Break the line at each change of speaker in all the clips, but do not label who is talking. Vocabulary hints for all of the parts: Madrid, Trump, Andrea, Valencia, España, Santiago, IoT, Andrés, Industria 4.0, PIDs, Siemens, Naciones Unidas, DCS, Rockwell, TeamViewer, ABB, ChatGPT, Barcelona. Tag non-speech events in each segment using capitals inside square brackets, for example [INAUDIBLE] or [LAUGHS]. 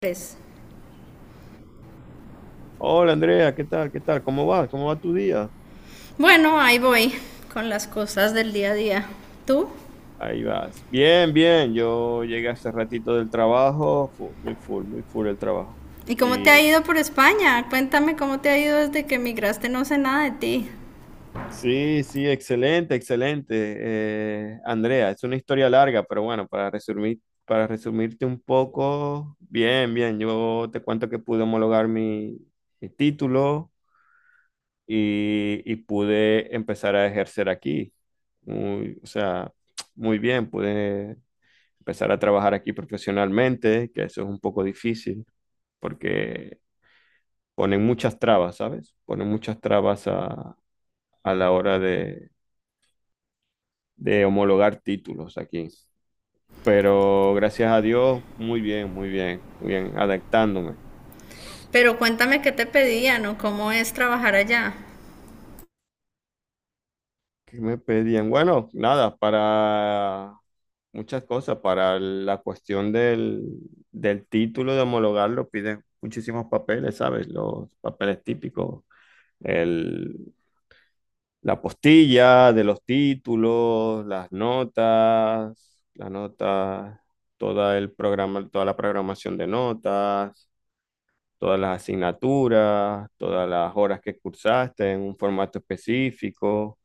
Tres.
Hola, Andrea, ¿qué tal? ¿Qué tal? ¿Cómo vas? ¿Cómo va tu día?
Bueno, ahí voy con las cosas del día a día. ¿Tú?
Ahí vas. Bien, bien. Yo llegué hace ratito del trabajo, muy full el trabajo.
¿Y cómo te ha
Y
ido por España? Cuéntame cómo te ha ido desde que emigraste, no sé nada de ti.
sí, sí, excelente, excelente. Andrea, es una historia larga, pero bueno, para resumir, para resumirte un poco, bien, bien. Yo te cuento que pude homologar mi título y pude empezar a ejercer aquí. Muy, o sea, muy bien, pude empezar a trabajar aquí profesionalmente, que eso es un poco difícil porque ponen muchas trabas, ¿sabes? Ponen muchas trabas a la hora de homologar títulos aquí. Pero gracias a Dios, muy bien, muy bien, muy bien, adaptándome.
Pero cuéntame qué te pedían o cómo es trabajar allá.
¿Qué me pedían? Bueno, nada, para muchas cosas, para la cuestión del título de homologarlo piden muchísimos papeles, ¿sabes? Los papeles típicos, el, la postilla de los títulos, las notas, toda el programa, toda la programación de notas, todas las asignaturas, todas las horas que cursaste en un formato específico.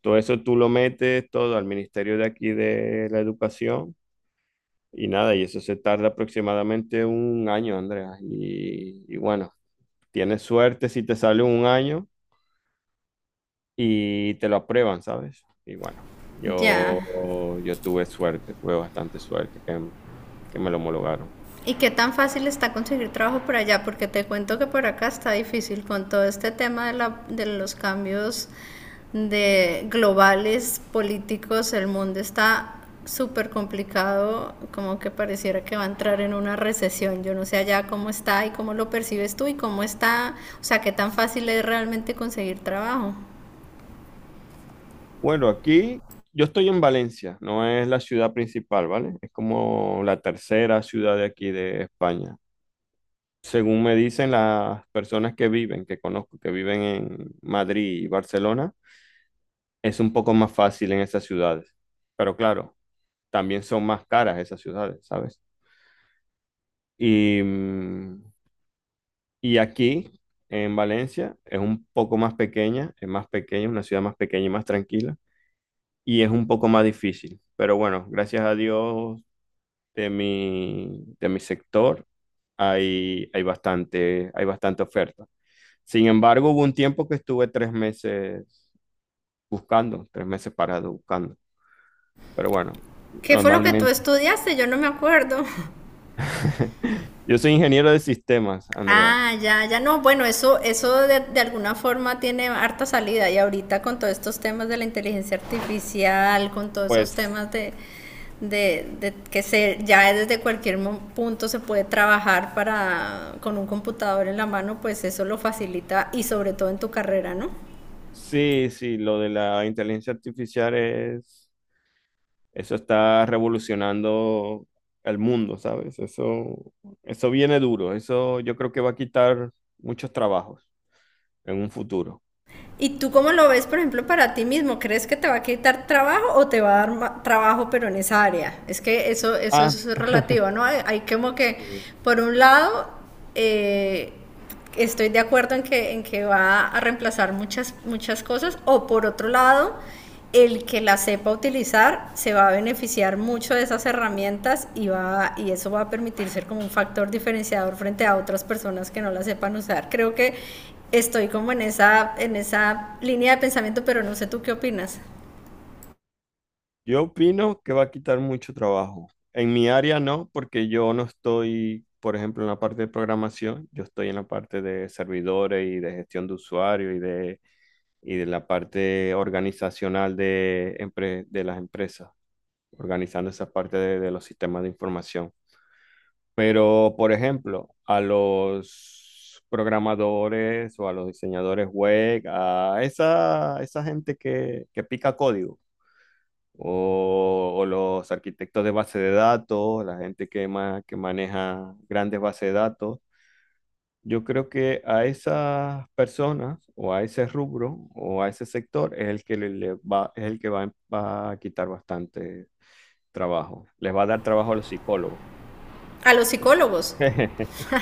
Todo eso tú lo metes todo al Ministerio de aquí de la Educación y nada, y eso se tarda aproximadamente un año, Andrea. Y bueno, tienes suerte si te sale un año y te lo aprueban, ¿sabes? Y bueno,
Ya.
yo tuve suerte, tuve bastante suerte que me lo homologaron.
¿Y qué tan fácil está conseguir trabajo por allá? Porque te cuento que por acá está difícil con todo este tema de los cambios de globales políticos. El mundo está súper complicado, como que pareciera que va a entrar en una recesión. Yo no sé allá cómo está y cómo lo percibes tú y cómo está, o sea, qué tan fácil es realmente conseguir trabajo.
Bueno, aquí yo estoy en Valencia, no es la ciudad principal, ¿vale? Es como la tercera ciudad de aquí de España. Según me dicen las personas que viven, que conozco, que viven en Madrid y Barcelona, es un poco más fácil en esas ciudades. Pero claro, también son más caras esas ciudades, ¿sabes? Y mm, Y aquí, en Valencia, es un poco más pequeña, es una ciudad más pequeña y más tranquila, y es un poco más difícil. Pero bueno, gracias a Dios de mi sector hay bastante oferta. Sin embargo, hubo un tiempo que estuve tres meses buscando, tres meses parado buscando. Pero bueno,
¿Qué fue lo que tú
normalmente.
estudiaste? Yo no me acuerdo. [LAUGHS]
[LAUGHS] Yo soy ingeniero de sistemas, Andrea.
Ah, ya, ya no, bueno, eso de alguna forma tiene harta salida y ahorita con todos estos temas de la inteligencia artificial, con todos esos
Pues
temas de que se, ya desde cualquier mo- punto se puede trabajar para, con un computador en la mano, pues eso lo facilita y sobre todo en tu carrera, ¿no?
sí, sí, lo de la inteligencia artificial es. Eso está revolucionando el mundo, ¿sabes? Eso viene duro. Eso yo creo que va a quitar muchos trabajos en un futuro.
¿Y tú cómo lo ves, por ejemplo, para ti mismo? ¿Crees que te va a quitar trabajo o te va a dar trabajo, pero en esa área? Es que eso
Ah,
es relativo, ¿no? Hay como que,
sí.
por un lado, eh, estoy de acuerdo en que va a reemplazar muchas, muchas cosas, o por otro lado, el que la sepa utilizar se va a beneficiar mucho de esas herramientas y, va, y eso va a permitir ser como un factor diferenciador frente a otras personas que no la sepan usar. Creo que estoy como en esa línea de pensamiento, pero no sé tú qué opinas.
Yo opino que va a quitar mucho trabajo. En mi área no, porque yo no estoy, por ejemplo, en la parte de programación, yo estoy en la parte de servidores y de gestión de usuario y de la parte organizacional de las empresas, organizando esa parte de los sistemas de información. Pero, por ejemplo, a los programadores o a los diseñadores web, a esa gente que pica código, o los arquitectos de base de datos, la gente que, que maneja grandes bases de datos, yo creo que a esas personas o a ese rubro o a ese sector es el que le va, es el que va, va a quitar bastante trabajo. Les va a dar trabajo a los psicólogos.
A los psicólogos.
[LAUGHS]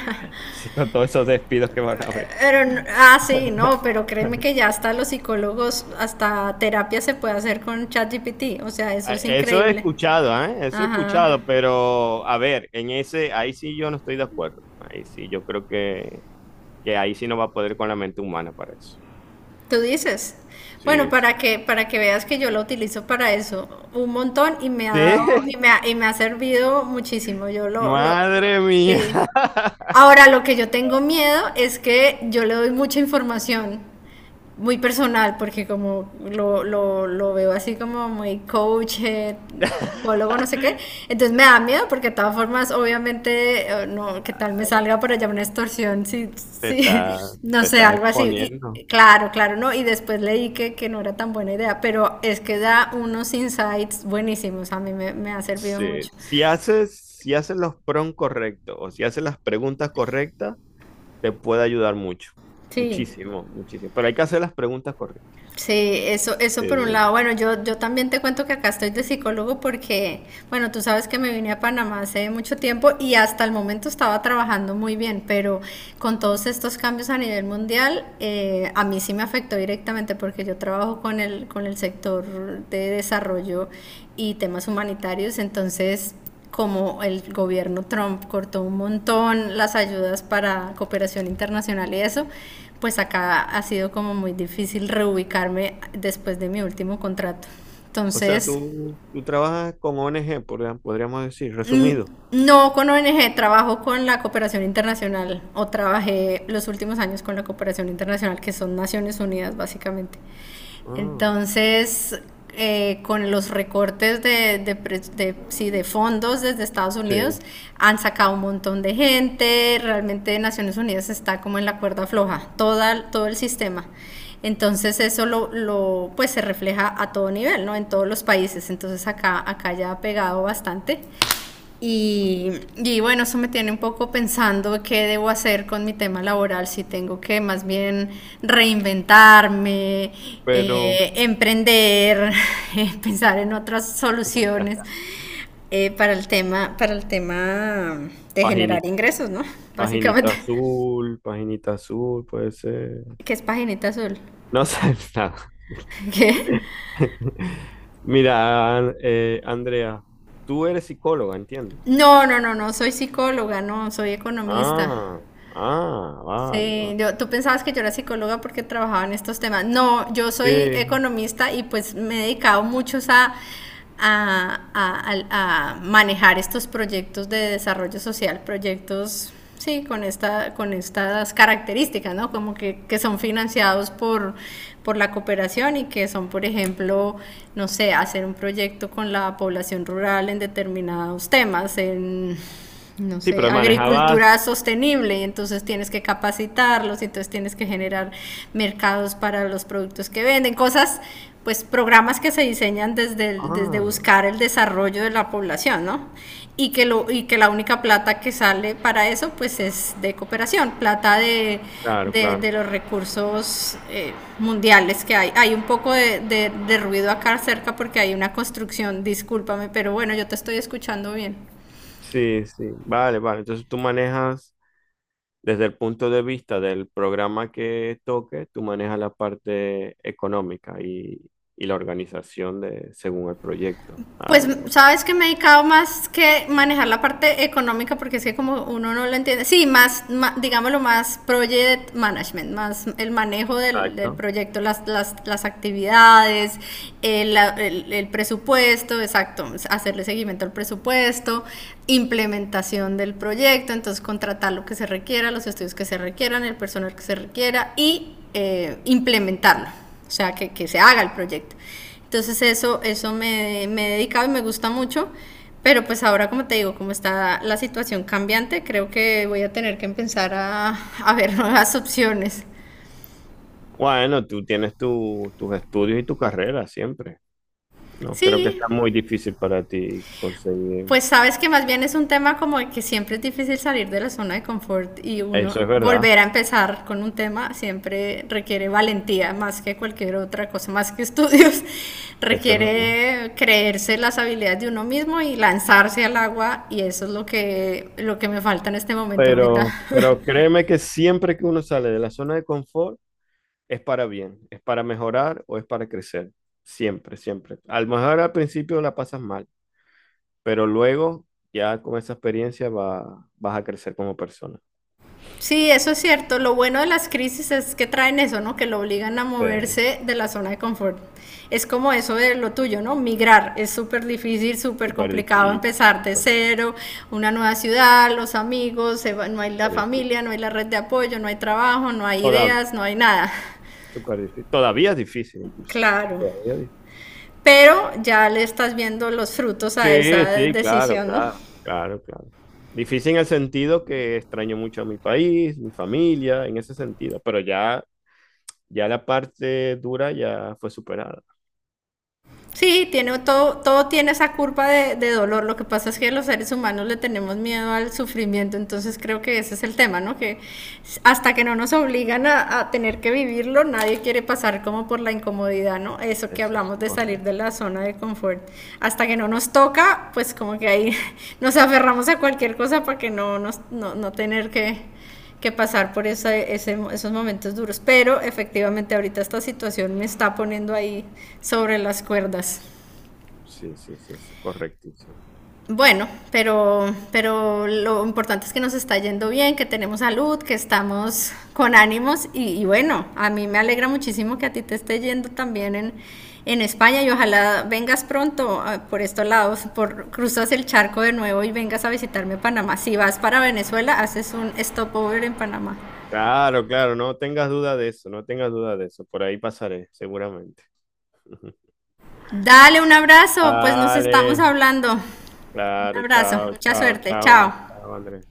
Sí, con todos esos despidos que van a haber.
Pero, ah, sí, no, pero créeme que
[LAUGHS]
ya hasta los psicólogos, hasta terapia se puede hacer con ChatGPT. O sea, eso
Ah,
es
eso he
increíble.
escuchado, ¿eh? Eso he
Ajá.
escuchado, pero a ver, en ese, ahí sí yo no estoy de acuerdo. Ahí sí, yo creo que ahí sí no va a poder con la mente humana para eso.
Tú dices. Bueno,
Sí, sí.
para que veas que yo lo utilizo para eso un montón y me ha dado,
Sí,
y me ha servido muchísimo.
[LAUGHS] madre mía,
Sí. Ahora, lo que yo tengo miedo es que yo le doy mucha información muy personal, porque como lo veo así como muy coach, psicólogo, no sé qué, entonces me da miedo porque de todas formas, obviamente, no, qué tal me salga por allá una extorsión, sí,
te
sí,
está,
[LAUGHS] no
te
sé,
estás
algo así.
exponiendo.
Y claro, claro, no, y después leí que no era tan buena idea, pero es que da unos insights buenísimos, a mí me ha servido mucho.
Sí, si haces, si haces los prompts correctos o si haces las preguntas correctas. Te puede ayudar mucho,
Sí.
muchísimo, muchísimo. Pero hay que hacer las preguntas correctas.
Sí, eso
Sí,
por un
sí, sí.
lado. Bueno, yo también te cuento que acá estoy de psicólogo porque, bueno, tú sabes que me vine a Panamá hace mucho tiempo y hasta el momento estaba trabajando muy bien, pero con todos estos cambios a nivel mundial, a mí sí me afectó directamente porque yo trabajo con el sector de desarrollo y temas humanitarios, entonces como el gobierno Trump cortó un montón las ayudas para cooperación internacional y eso, pues acá ha sido como muy difícil reubicarme después de mi último contrato.
O sea,
Entonces,
tú trabajas con ONG, podríamos decir,
mm,
resumido.
no con ONG, trabajo con la cooperación internacional o trabajé los últimos años con la cooperación internacional, que son Naciones Unidas básicamente.
Ah,
Entonces, con los recortes de sí, de fondos desde Estados Unidos,
sí.
han sacado un montón de gente, realmente Naciones Unidas está como en la cuerda floja, toda, todo el sistema. Entonces pues se refleja a todo nivel, ¿no? En todos los países. Entonces acá ya ha pegado bastante. Bueno, eso me tiene un poco pensando qué debo hacer con mi tema laboral, si tengo que más bien reinventarme,
Pero
emprender, [LAUGHS] pensar en otras soluciones
[LAUGHS]
para el tema de generar
paginita,
ingresos, ¿no? Básicamente.
paginita azul, puede ser.
¿Qué es paginita azul?
No sé [LAUGHS] nada.
[LAUGHS] ¿Qué?
[LAUGHS] Mira, Andrea, tú eres psicóloga, entiendo.
No, no, no, no, soy psicóloga, no, soy economista.
Ah, ah, vale, vale.
Sí, yo- tú pensabas que yo era psicóloga porque trabajaba en estos temas. No, yo soy
Sí,
economista y pues me he dedicado muchos a, a manejar estos proyectos de desarrollo social, proyectos, sí, con esta, con estas características, ¿no? Como que son financiados por la cooperación y que son, por ejemplo, no sé, hacer un proyecto con la población rural en determinados temas, en no
sí,
sé,
pero manejabas.
agricultura sostenible, y entonces tienes que capacitarlos, y entonces tienes que generar mercados para los productos que venden, cosas, pues programas que se diseñan desde, desde
Ah,
buscar el desarrollo de la población, ¿no? Y que, lo, y que la única plata que sale para eso, pues es de cooperación, plata
claro, claro.
de los recursos mundiales que hay. Hay un poco de ruido acá cerca porque hay una construcción, discúlpame, pero bueno, yo te estoy escuchando bien.
Sí, sí, vale, vale. Entonces tú manejas desde el punto de vista del programa que toque, tú manejas la parte económica y la organización de según el proyecto.
Pues
Algo.
sabes que me he dedicado más que manejar la parte económica porque es que como uno no lo entiende, sí, más, ma- digámoslo más project management, más el manejo del, del
Exacto.
proyecto, las actividades, el presupuesto, exacto, hacerle seguimiento al presupuesto, implementación del proyecto, entonces contratar lo que se requiera, los estudios que se requieran, el personal que se requiera y implementarlo o sea, que se haga el proyecto. Entonces eso, eso me he dedicado y me gusta mucho, pero pues ahora como te digo, como está la situación cambiante, creo que voy a tener que empezar a ver nuevas opciones.
Bueno, tú tienes tus estudios y tu carrera siempre. No creo que
Sí,
sea muy difícil para ti conseguir.
pues sabes que más bien es un tema como de que siempre es difícil salir de la zona de confort y
Eso
uno
es verdad,
volver a empezar con un tema siempre requiere valentía más que cualquier otra cosa, más que estudios, [LAUGHS]
eso es verdad.
requiere creerse las habilidades de uno mismo y lanzarse al agua y eso es lo que me falta en este momento ahorita.
Pero
[LAUGHS]
créeme que siempre que uno sale de la zona de confort, es para bien, es para mejorar o es para crecer. Siempre, siempre. A lo mejor al principio la pasas mal, pero luego ya con esa experiencia vas a crecer como persona.
Sí, eso es cierto. Lo bueno de las crisis es que traen eso, ¿no? Que lo obligan a
Sí,
moverse de la zona de confort. Es como eso de lo tuyo, ¿no? Migrar es súper difícil, súper
súper
complicado
difícil,
empezar de
súper,
cero, una nueva ciudad, los amigos, se va- no hay la
súper difícil.
familia, no hay la red de apoyo, no hay trabajo, no hay
Toda-
ideas, no hay nada.
Súper difícil. Todavía es difícil, incluso.
Claro.
Todavía es difícil.
Pero ya le estás viendo los frutos a esa
Sí, sí, claro,
decisión, ¿no?
claro, claro, claro. Difícil en el sentido que extraño mucho a mi país, mi familia, en ese sentido, pero ya, ya la parte dura ya fue superada.
Sí, tiene todo, todo tiene esa curva de dolor. Lo que pasa es que los seres humanos le tenemos miedo al sufrimiento, entonces creo que ese es el tema, ¿no? Que hasta que no nos obligan a tener que vivirlo, nadie quiere pasar como por la incomodidad, ¿no? Eso confort, que
Eso es
hablamos de salir
correcto.
de la zona de confort. Hasta que no nos toca, pues como que ahí [LAUGHS] nos aferramos a cualquier cosa para que no, nos, no, no tener que pasar por esa, ese, esos momentos duros. Pero efectivamente ahorita esta situación me está poniendo ahí sobre las cuerdas.
Sí, sí, sí, sí, correctísimo.
Bueno, pero lo importante es que nos está yendo bien, que tenemos salud, que estamos con ánimos y bueno, a mí me alegra muchísimo que a ti te esté yendo también en España y ojalá vengas pronto ah, por estos lados, por, cruzas el charco de nuevo y vengas a visitarme a Panamá. Si vas para Venezuela, haces un stopover en Panamá.
Claro, claro, no tengas duda de eso, no tengas duda de eso. Por ahí pasaré, seguramente. [LAUGHS]
Dale un abrazo, pues nos estamos
Vale,
hablando. Un
claro,
abrazo,
chao,
mucha
chao,
suerte,
chao,
chao.
chao, Andrés.